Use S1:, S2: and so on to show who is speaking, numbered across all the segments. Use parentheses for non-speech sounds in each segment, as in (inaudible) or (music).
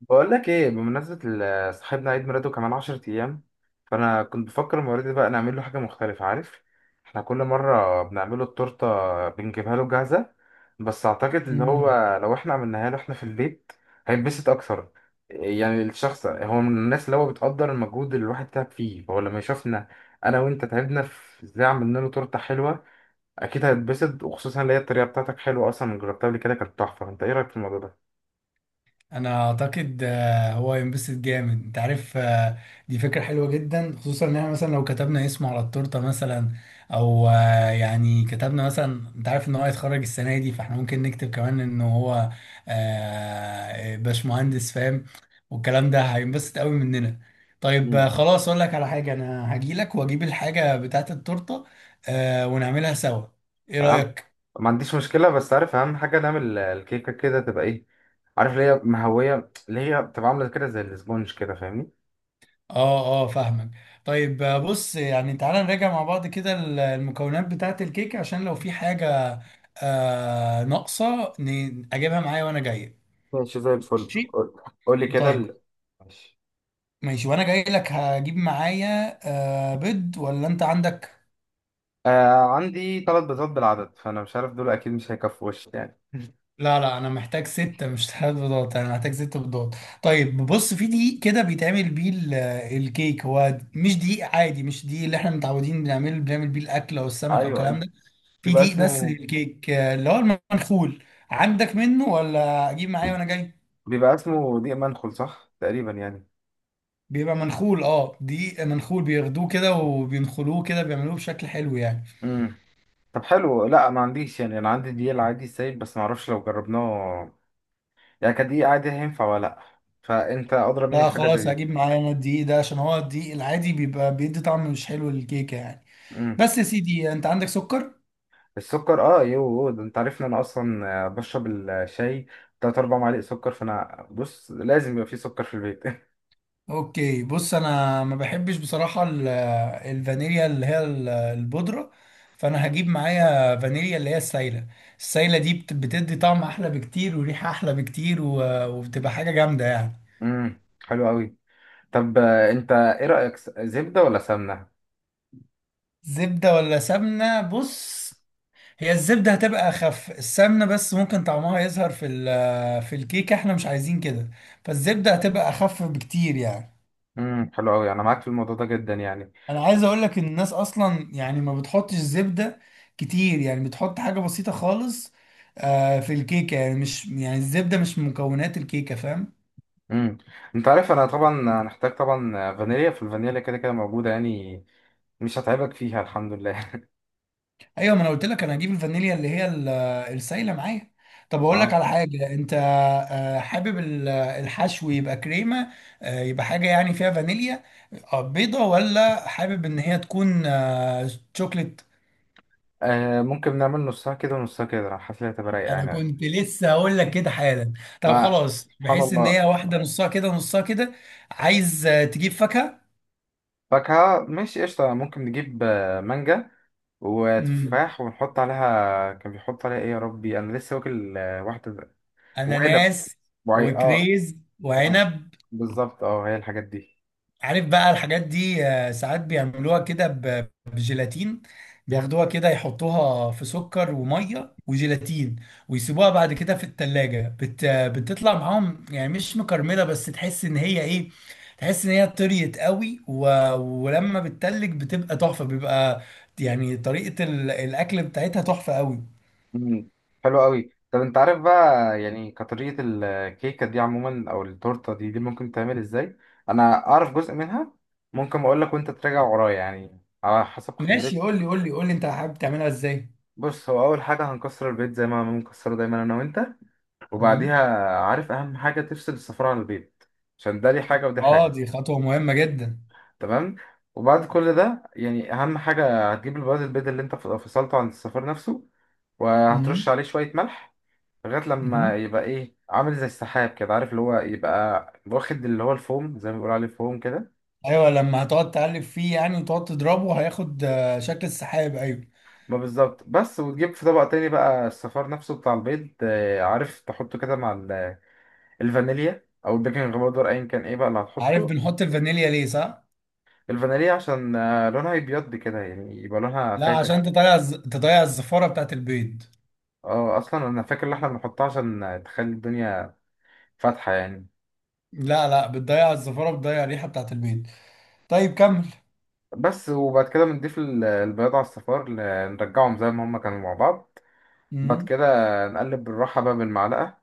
S1: بقول لك ايه بمناسبة صاحبنا عيد ميلاده كمان 10 ايام. فانا كنت بفكر المرة دي بقى نعمل له حاجة مختلفة، عارف؟ احنا كل مرة بنعمله التورتة، بنجيبها له جاهزة، بس اعتقد اللي هو
S2: مم.
S1: لو احنا عملناها له احنا في البيت هينبسط اكتر. يعني الشخص هو من الناس اللي هو بتقدر المجهود اللي الواحد تعب فيه، فهو لما يشوفنا انا وانت تعبنا في ازاي عملنا له تورتة حلوة اكيد هيتبسط، وخصوصا اللي هي الطريقة بتاعتك حلوة اصلا، جربتها قبل كده كانت تحفة. انت ايه رأيك في الموضوع
S2: انا اعتقد آه، هو ينبسط جامد انت عارف دي فكره حلوه جدا، خصوصا ان احنا مثلا لو كتبنا اسمه على التورته مثلا، او يعني كتبنا مثلا، انت عارف ان هو هيتخرج السنه دي، فاحنا ممكن نكتب كمان ان هو باشمهندس فاهم. والكلام ده هينبسط قوي مننا. طيب
S1: ده؟
S2: خلاص اقول لك على حاجه، انا هجيلك واجيب الحاجه بتاعت التورته ونعملها سوا. ايه
S1: أهم-
S2: رايك؟
S1: ما عنديش مشكلة، بس عارف أهم حاجة نعمل الكيكة كده تبقى إيه؟ عارف اللي هي مهوية، اللي هي بتبقى عاملة كده زي الاسبونج، كده فاهمني؟
S2: اه. اه فاهمك. طيب بص، يعني تعالى نراجع مع بعض كده المكونات بتاعة الكيك، عشان لو في حاجة ناقصة اجيبها معايا وانا جاي.
S1: ماشي زي الفل.
S2: ماشي.
S1: قول، قول لي كده
S2: طيب
S1: ماشي.
S2: ماشي، وانا جاي لك هجيب معايا آه بيض، ولا انت عندك؟
S1: آه، عندي 3 بيضات بالعدد، فأنا مش عارف دول أكيد مش هيكفوا وش يعني (laughs)
S2: لا لا، انا محتاج ستة مش ثلاث بيضات، انا محتاج ست بيضات. طيب بص، في دقيق كده بيتعمل بيه الكيك، هو مش دقيق عادي، مش دقيق اللي احنا متعودين بنعمله، بنعمل بيه الاكل او السمكة
S1: أيوه،
S2: والكلام
S1: أيوه.
S2: ده. في
S1: بيبقى
S2: دقيق بس
S1: اسمه
S2: للكيك اللي هو المنخول. عندك منه ولا اجيب معايا وانا جاي؟
S1: بيبقى اسمه دقيق منخل صح تقريبا يعني.
S2: بيبقى منخول، اه دقيق منخول، بياخدوه كده وبينخلوه كده، بيعملوه بشكل حلو يعني.
S1: امم. طب حلو، لا ما عنديش يعني، انا عندي دقيق العادي السايب، بس ما اعرفش لو جربناه يعني كدقيق عادي هينفع ولا لا. فانت اضرب مني
S2: لا
S1: في حاجه زي
S2: خلاص،
S1: دي.
S2: هجيب معايا انا الدقيق ده، عشان هو الدقيق العادي بيبقى بيدي طعم مش حلو للكيكة يعني.
S1: مم.
S2: بس يا سيدي، انت عندك سكر؟
S1: السكر، اه، يو ده، انت عارف ان انا اصلا بشرب الشاي تلات اربع معالق سكر، فانا بص لازم يبقى فيه سكر في البيت (laughs)
S2: اوكي بص، انا ما بحبش بصراحة الفانيليا اللي هي البودرة، فانا هجيب معايا فانيليا اللي هي السايلة. السايلة دي بتدي طعم احلى بكتير وريحة احلى بكتير، وبتبقى حاجة جامدة يعني.
S1: امم، حلو قوي. طب انت ايه رايك، زبده ولا سمنه؟
S2: زبدة ولا سمنة؟ بص، هي الزبدة هتبقى اخف، السمنة بس ممكن طعمها يظهر في في الكيك، احنا مش عايزين كده. فالزبدة هتبقى اخف بكتير يعني.
S1: امم، حلو قوي، انا معاك في الموضوع ده جدا يعني.
S2: انا عايز اقول لك ان الناس اصلا يعني ما بتحطش زبده كتير، يعني بتحط حاجه بسيطه خالص آه في الكيكه، يعني مش يعني الزبده مش من مكونات الكيكه، فاهم؟
S1: امم. انت عارف انا طبعا هنحتاج طبعا فانيليا، في الفانيليا كده كده موجوده يعني، مش هتعبك فيها الحمد لله (laughs)
S2: ايوه، ما انا قلت لك انا هجيب الفانيليا اللي هي السايله معايا. طب اقول لك
S1: اه.
S2: على حاجه، انت آه حابب الحشو يبقى كريمه يبقى حاجه يعني فيها فانيليا آه، بيضه، ولا حابب ان هي تكون آه شوكليت؟
S1: ممكن نعمل نصها كده ونصها كده، أنا حاسس إن هي هتبقى رايقه
S2: انا
S1: يعني
S2: كنت لسه هقول لك
S1: (laughs)
S2: كده حالا. طب
S1: ما
S2: خلاص،
S1: سبحان
S2: بحيث ان
S1: الله.
S2: هي واحده نصها كده نصها كده. عايز تجيب فاكهه؟
S1: فاكهة ماشي، قشطة، ممكن نجيب مانجا
S2: امم،
S1: وتفاح، ونحط عليها كان بيحط عليها ايه يا ربي، انا لسه واكل واحدة وعنب.
S2: اناناس،
S1: وعي، اه.
S2: وكريز
S1: وعنب.
S2: وعنب.
S1: بالظبط، اه، هي الحاجات دي.
S2: عارف بقى الحاجات دي ساعات بيعملوها كده بجيلاتين، بياخدوها كده يحطوها في سكر وميه وجيلاتين، ويسيبوها بعد كده في التلاجة بتطلع معاهم يعني، مش مكرملة بس تحس ان هي ايه، تحس ان هي طريت قوي ولما بتتلج بتبقى تحفة. بيبقى يعني طريقة الاكل بتاعتها تحفة قوي.
S1: مم. حلو قوي. طب انت عارف بقى يعني كطريقة الكيكة دي عموما او التورتة دي، ممكن تعمل ازاي؟ انا اعرف جزء منها، ممكن اقول لك وانت تراجع ورايا يعني على حسب
S2: ماشي.
S1: خبرتي.
S2: قول لي انت حابب تعملها ازاي.
S1: بص هو اول حاجة هنكسر البيت زي ما بنكسره دايما انا وانت،
S2: مم.
S1: وبعديها، عارف، اهم حاجه تفصل السفاره عن البيت عشان ده ليه حاجه ودي
S2: اه
S1: حاجه.
S2: دي خطوة مهمة جدا.
S1: تمام. وبعد كل ده يعني اهم حاجه هتجيب البياض، البيض اللي انت فصلته عن الصفار نفسه، وهترش
S2: مم.
S1: عليه شويه ملح لغايه لما
S2: مم.
S1: يبقى ايه عامل زي السحاب كده، عارف اللي هو يبقى واخد اللي هو الفوم زي ما بيقولوا عليه فوم كده.
S2: ايوه، لما هتقعد تقلب فيه يعني وتقعد تضربه، هياخد شكل السحاب، ايوه.
S1: ما بالظبط. بس وتجيب في طبق تاني بقى الصفار نفسه بتاع البيض، عارف تحطه كده مع الفانيليا او البيكنج باودر ايا كان ايه بقى اللي
S2: عارف
S1: هتحطه.
S2: بنحط الفانيليا ليه صح؟
S1: الفانيليا عشان لونها يبيض كده يعني يبقى لونها
S2: لا،
S1: فاتح.
S2: عشان تضيع تضيع الزفاره بتاعت البيض.
S1: اه، اصلا انا فاكر ان احنا بنحطها عشان تخلي الدنيا فاتحة يعني.
S2: لا لا، بتضيع الزفاره، بتضيع الريحه بتاعت البيض. طيب كمل.
S1: بس وبعد كده بنضيف البياض على الصفار، نرجعهم زي ما هما كانوا مع بعض. بعد
S2: مم.
S1: كده نقلب بالراحة بقى بالمعلقة.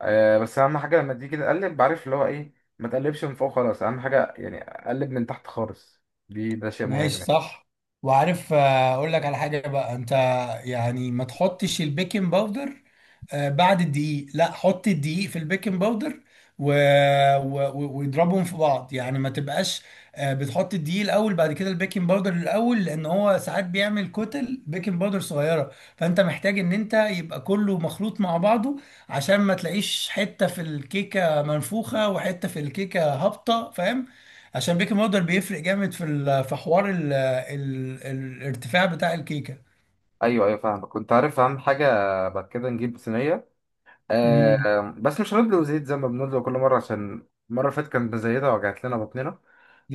S1: بس اهم حاجة لما تيجي تقلب بعرف اللي هو ايه، ما تقلبش من فوق خلاص، اهم حاجة يعني قلب من تحت خالص. ده شيء
S2: ماشي
S1: مهم.
S2: صح. وعارف اقول لك على حاجه بقى انت، يعني ما تحطش البيكنج باودر بعد الدقيق، لا، حط الدقيق في البيكنج باودر و... واضربهم في بعض، يعني ما تبقاش بتحط الدقيق الاول بعد كده البيكنج باودر الاول، لان هو ساعات بيعمل كتل بيكنج باودر صغيره، فانت محتاج ان انت يبقى كله مخلوط مع بعضه، عشان ما تلاقيش حته في الكيكه منفوخه وحته في الكيكه هابطه فاهم. عشان بيكنج باودر بيفرق جامد في في حوار ال ال الارتفاع بتاع الكيكه.
S1: ايوه، ايوه، فاهمك، كنت عارف اهم حاجة. بعد كده نجيب صينية،
S2: امم.
S1: بس مش هنبدأ زيت زي ما بنبدأ كل مرة عشان المرة اللي فاتت كانت مزيدة وجعت لنا بطننا.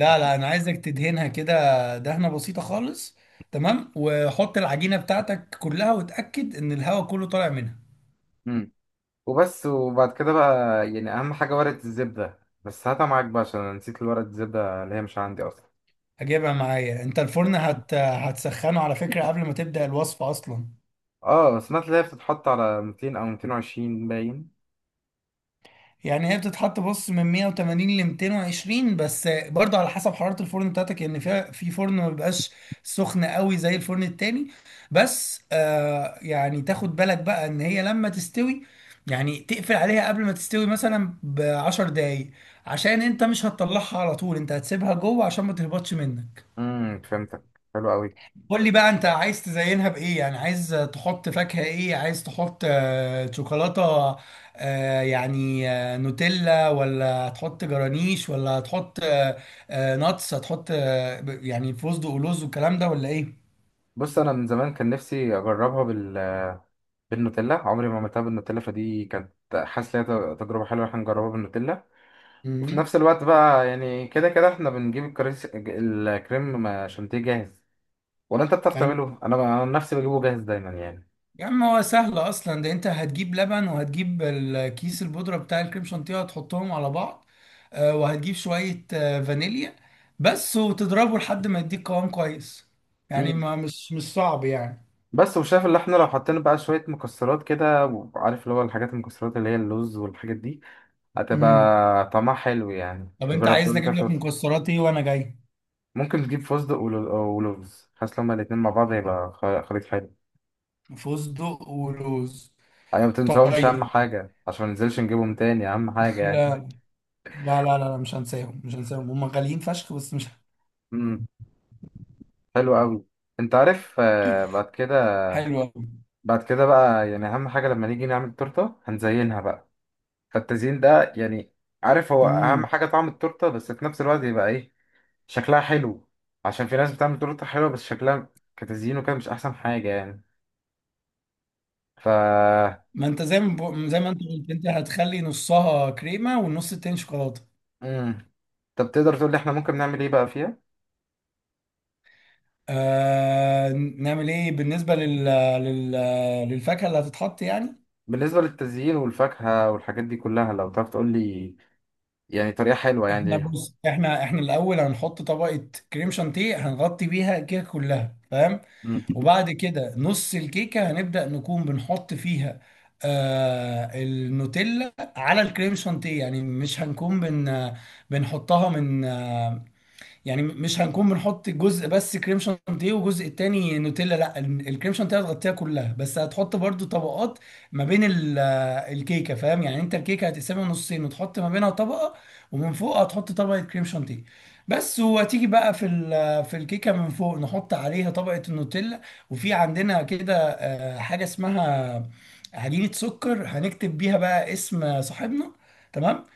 S1: ف...
S2: لا، انا عايزك تدهنها كده، دهنه بسيطه خالص. تمام، وحط العجينه بتاعتك كلها وتاكد ان الهواء كله طالع منها.
S1: امم. وبس، وبعد كده بقى يعني أهم حاجة ورقة الزبدة، بس هاتها معاك بقى عشان أنا نسيت ورقة الزبدة اللي هي مش عندي أصلا.
S2: هجيبها معايا. انت الفرن هتسخنه على فكره قبل ما تبدا الوصفه اصلا.
S1: اه سمعت اللي هي بتتحط على 200 أو 220 باين.
S2: يعني هي بتتحط بص من 180 ل 220، بس برضه على حسب حرارة الفرن بتاعتك، يعني فيها في فرن ما بيبقاش سخن قوي زي الفرن التاني. بس آه يعني تاخد بالك بقى ان هي لما تستوي، يعني تقفل عليها قبل ما تستوي مثلا ب 10 دقايق، عشان انت مش هتطلعها على طول، انت هتسيبها جوه عشان ما تهبطش منك.
S1: امم، فهمتك، حلو قوي.
S2: قول لي بقى انت عايز تزينها بايه، يعني عايز تحط فاكهة ايه، عايز تحط شوكولاتة يعني آه، نوتيلا، ولا تحط جرانيش، ولا تحط ناتس، هتحط يعني فستق ولوز والكلام ده، ولا ايه؟
S1: بص أنا من زمان كان نفسي أجربها بالنوتيلا، عمري ما عملتها بالنوتيلا، فدي كانت حاسس إن هي تجربة حلوة، إحنا نجربها بالنوتيلا. وفي
S2: امم.
S1: نفس الوقت بقى يعني كده كده احنا بنجيب الكريم شانتيه جاهز، ولا انت بتعرف
S2: ايوه،
S1: تعمله؟ انا عن نفسي بجيبه جاهز دايما يعني.
S2: يا عم هو سهل اصلا ده، انت هتجيب لبن وهتجيب الكيس البودرة بتاع الكريم شانتيه، هتحطهم على بعض وهتجيب شوية فانيليا بس، وتضربه لحد ما يديك قوام كويس. يعني
S1: مم.
S2: ما مش مش صعب يعني.
S1: بس وشايف اللي احنا لو حطينا بقى شوية مكسرات كده، وعارف اللي هو الحاجات المكسرات اللي هي اللوز والحاجات دي،
S2: امم.
S1: هتبقى طعمها حلو يعني،
S2: طب انت
S1: نجرب
S2: عايز
S1: كل كده
S2: اجيب لك
S1: صرف.
S2: مكسرات ايه وانا جاي؟
S1: ممكن تجيب فستق ولوز، حاسس لما الاتنين مع بعض هيبقى خليط حلو
S2: فستق ولوز.
S1: يعني. ما تنساهمش اهم
S2: طيب.
S1: حاجة عشان ما ننزلش نجيبهم تاني، اهم
S2: لا.
S1: حاجة يعني
S2: لا مش هنساهم، مش هنساهم، هم غاليين فشخ، بس مش
S1: (laughs) امم، حلو قوي. انت عارف بعد كده،
S2: حلو قوي.
S1: بعد كده بقى يعني اهم حاجه لما نيجي نعمل تورته هنزينها بقى. فالتزيين ده يعني، عارف، هو اهم
S2: امم،
S1: حاجه طعم التورته، بس في نفس الوقت يبقى ايه؟ شكلها حلو. عشان في ناس بتعمل تورته حلوه بس شكلها كتزيين وكده مش احسن حاجه يعني. ف
S2: ما انت زي ما بقو- زي ما انت قلت، انت هتخلي نصها كريمه والنص التاني شوكولاته.
S1: امم. طب تقدر تقول لي احنا ممكن نعمل ايه بقى فيها؟
S2: آه نعمل ايه بالنسبه لل... للفاكهه اللي هتتحط يعني؟
S1: بالنسبه للتزيين والفاكهه والحاجات دي كلها لو تعرف تقول لي يعني طريقه حلوه يعني
S2: احنا
S1: ليها.
S2: بص احنا احنا الاول هنحط طبقه كريم شانتيه هنغطي بيها الكيكه كلها فاهم.
S1: امم.
S2: وبعد كده نص الكيكه هنبدا نكون بنحط فيها النوتيلا على الكريم شانتيه، يعني مش هنكون بن بنحطها من يعني مش هنكون بنحط جزء بس كريم شانتيه وجزء التاني نوتيلا، لا الكريم شانتيه هتغطيها كلها، بس هتحط برضو طبقات ما بين الكيكه فاهم، يعني انت الكيكه هتقسمها نصين وتحط ما بينها طبقه، ومن فوق هتحط طبقه كريم شانتيه بس. وهتيجي بقى في في الكيكه من فوق نحط عليها طبقه النوتيلا. وفي عندنا كده حاجه اسمها عجينه سكر، هنكتب بيها بقى اسم صاحبنا، تمام.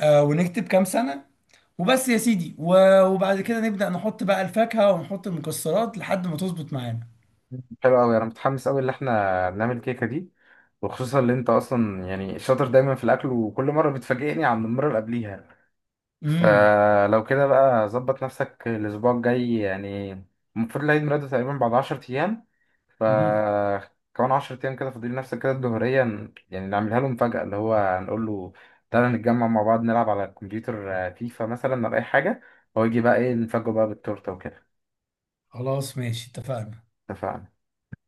S2: ونكتب كام سنة وبس يا سيدي، وبعد كده نبدأ نحط بقى الفاكهة ونحط المكسرات لحد ما تظبط معانا.
S1: حلو قوي، انا متحمس قوي ان احنا نعمل الكيكه دي، وخصوصا اللي انت اصلا يعني شاطر دايما في الاكل، وكل مره بتفاجئني عن المره اللي قبليها.
S2: امم.
S1: فلو كده بقى ظبط نفسك الاسبوع الجاي يعني، المفروض العيد ميلاده تقريبا بعد 10 ايام. ف
S2: مهم.
S1: كمان 10 ايام كده فاضل، نفسك كده الظهريه يعني نعملها له مفاجاه اللي هو نقول له تعالى نتجمع مع بعض نلعب على الكمبيوتر، فيفا مثلا ولا اي حاجه، هو يجي بقى ايه نفاجئه بقى بالتورته وكده.
S2: خلاص ماشي، اتفقنا.
S1: اتفقنا.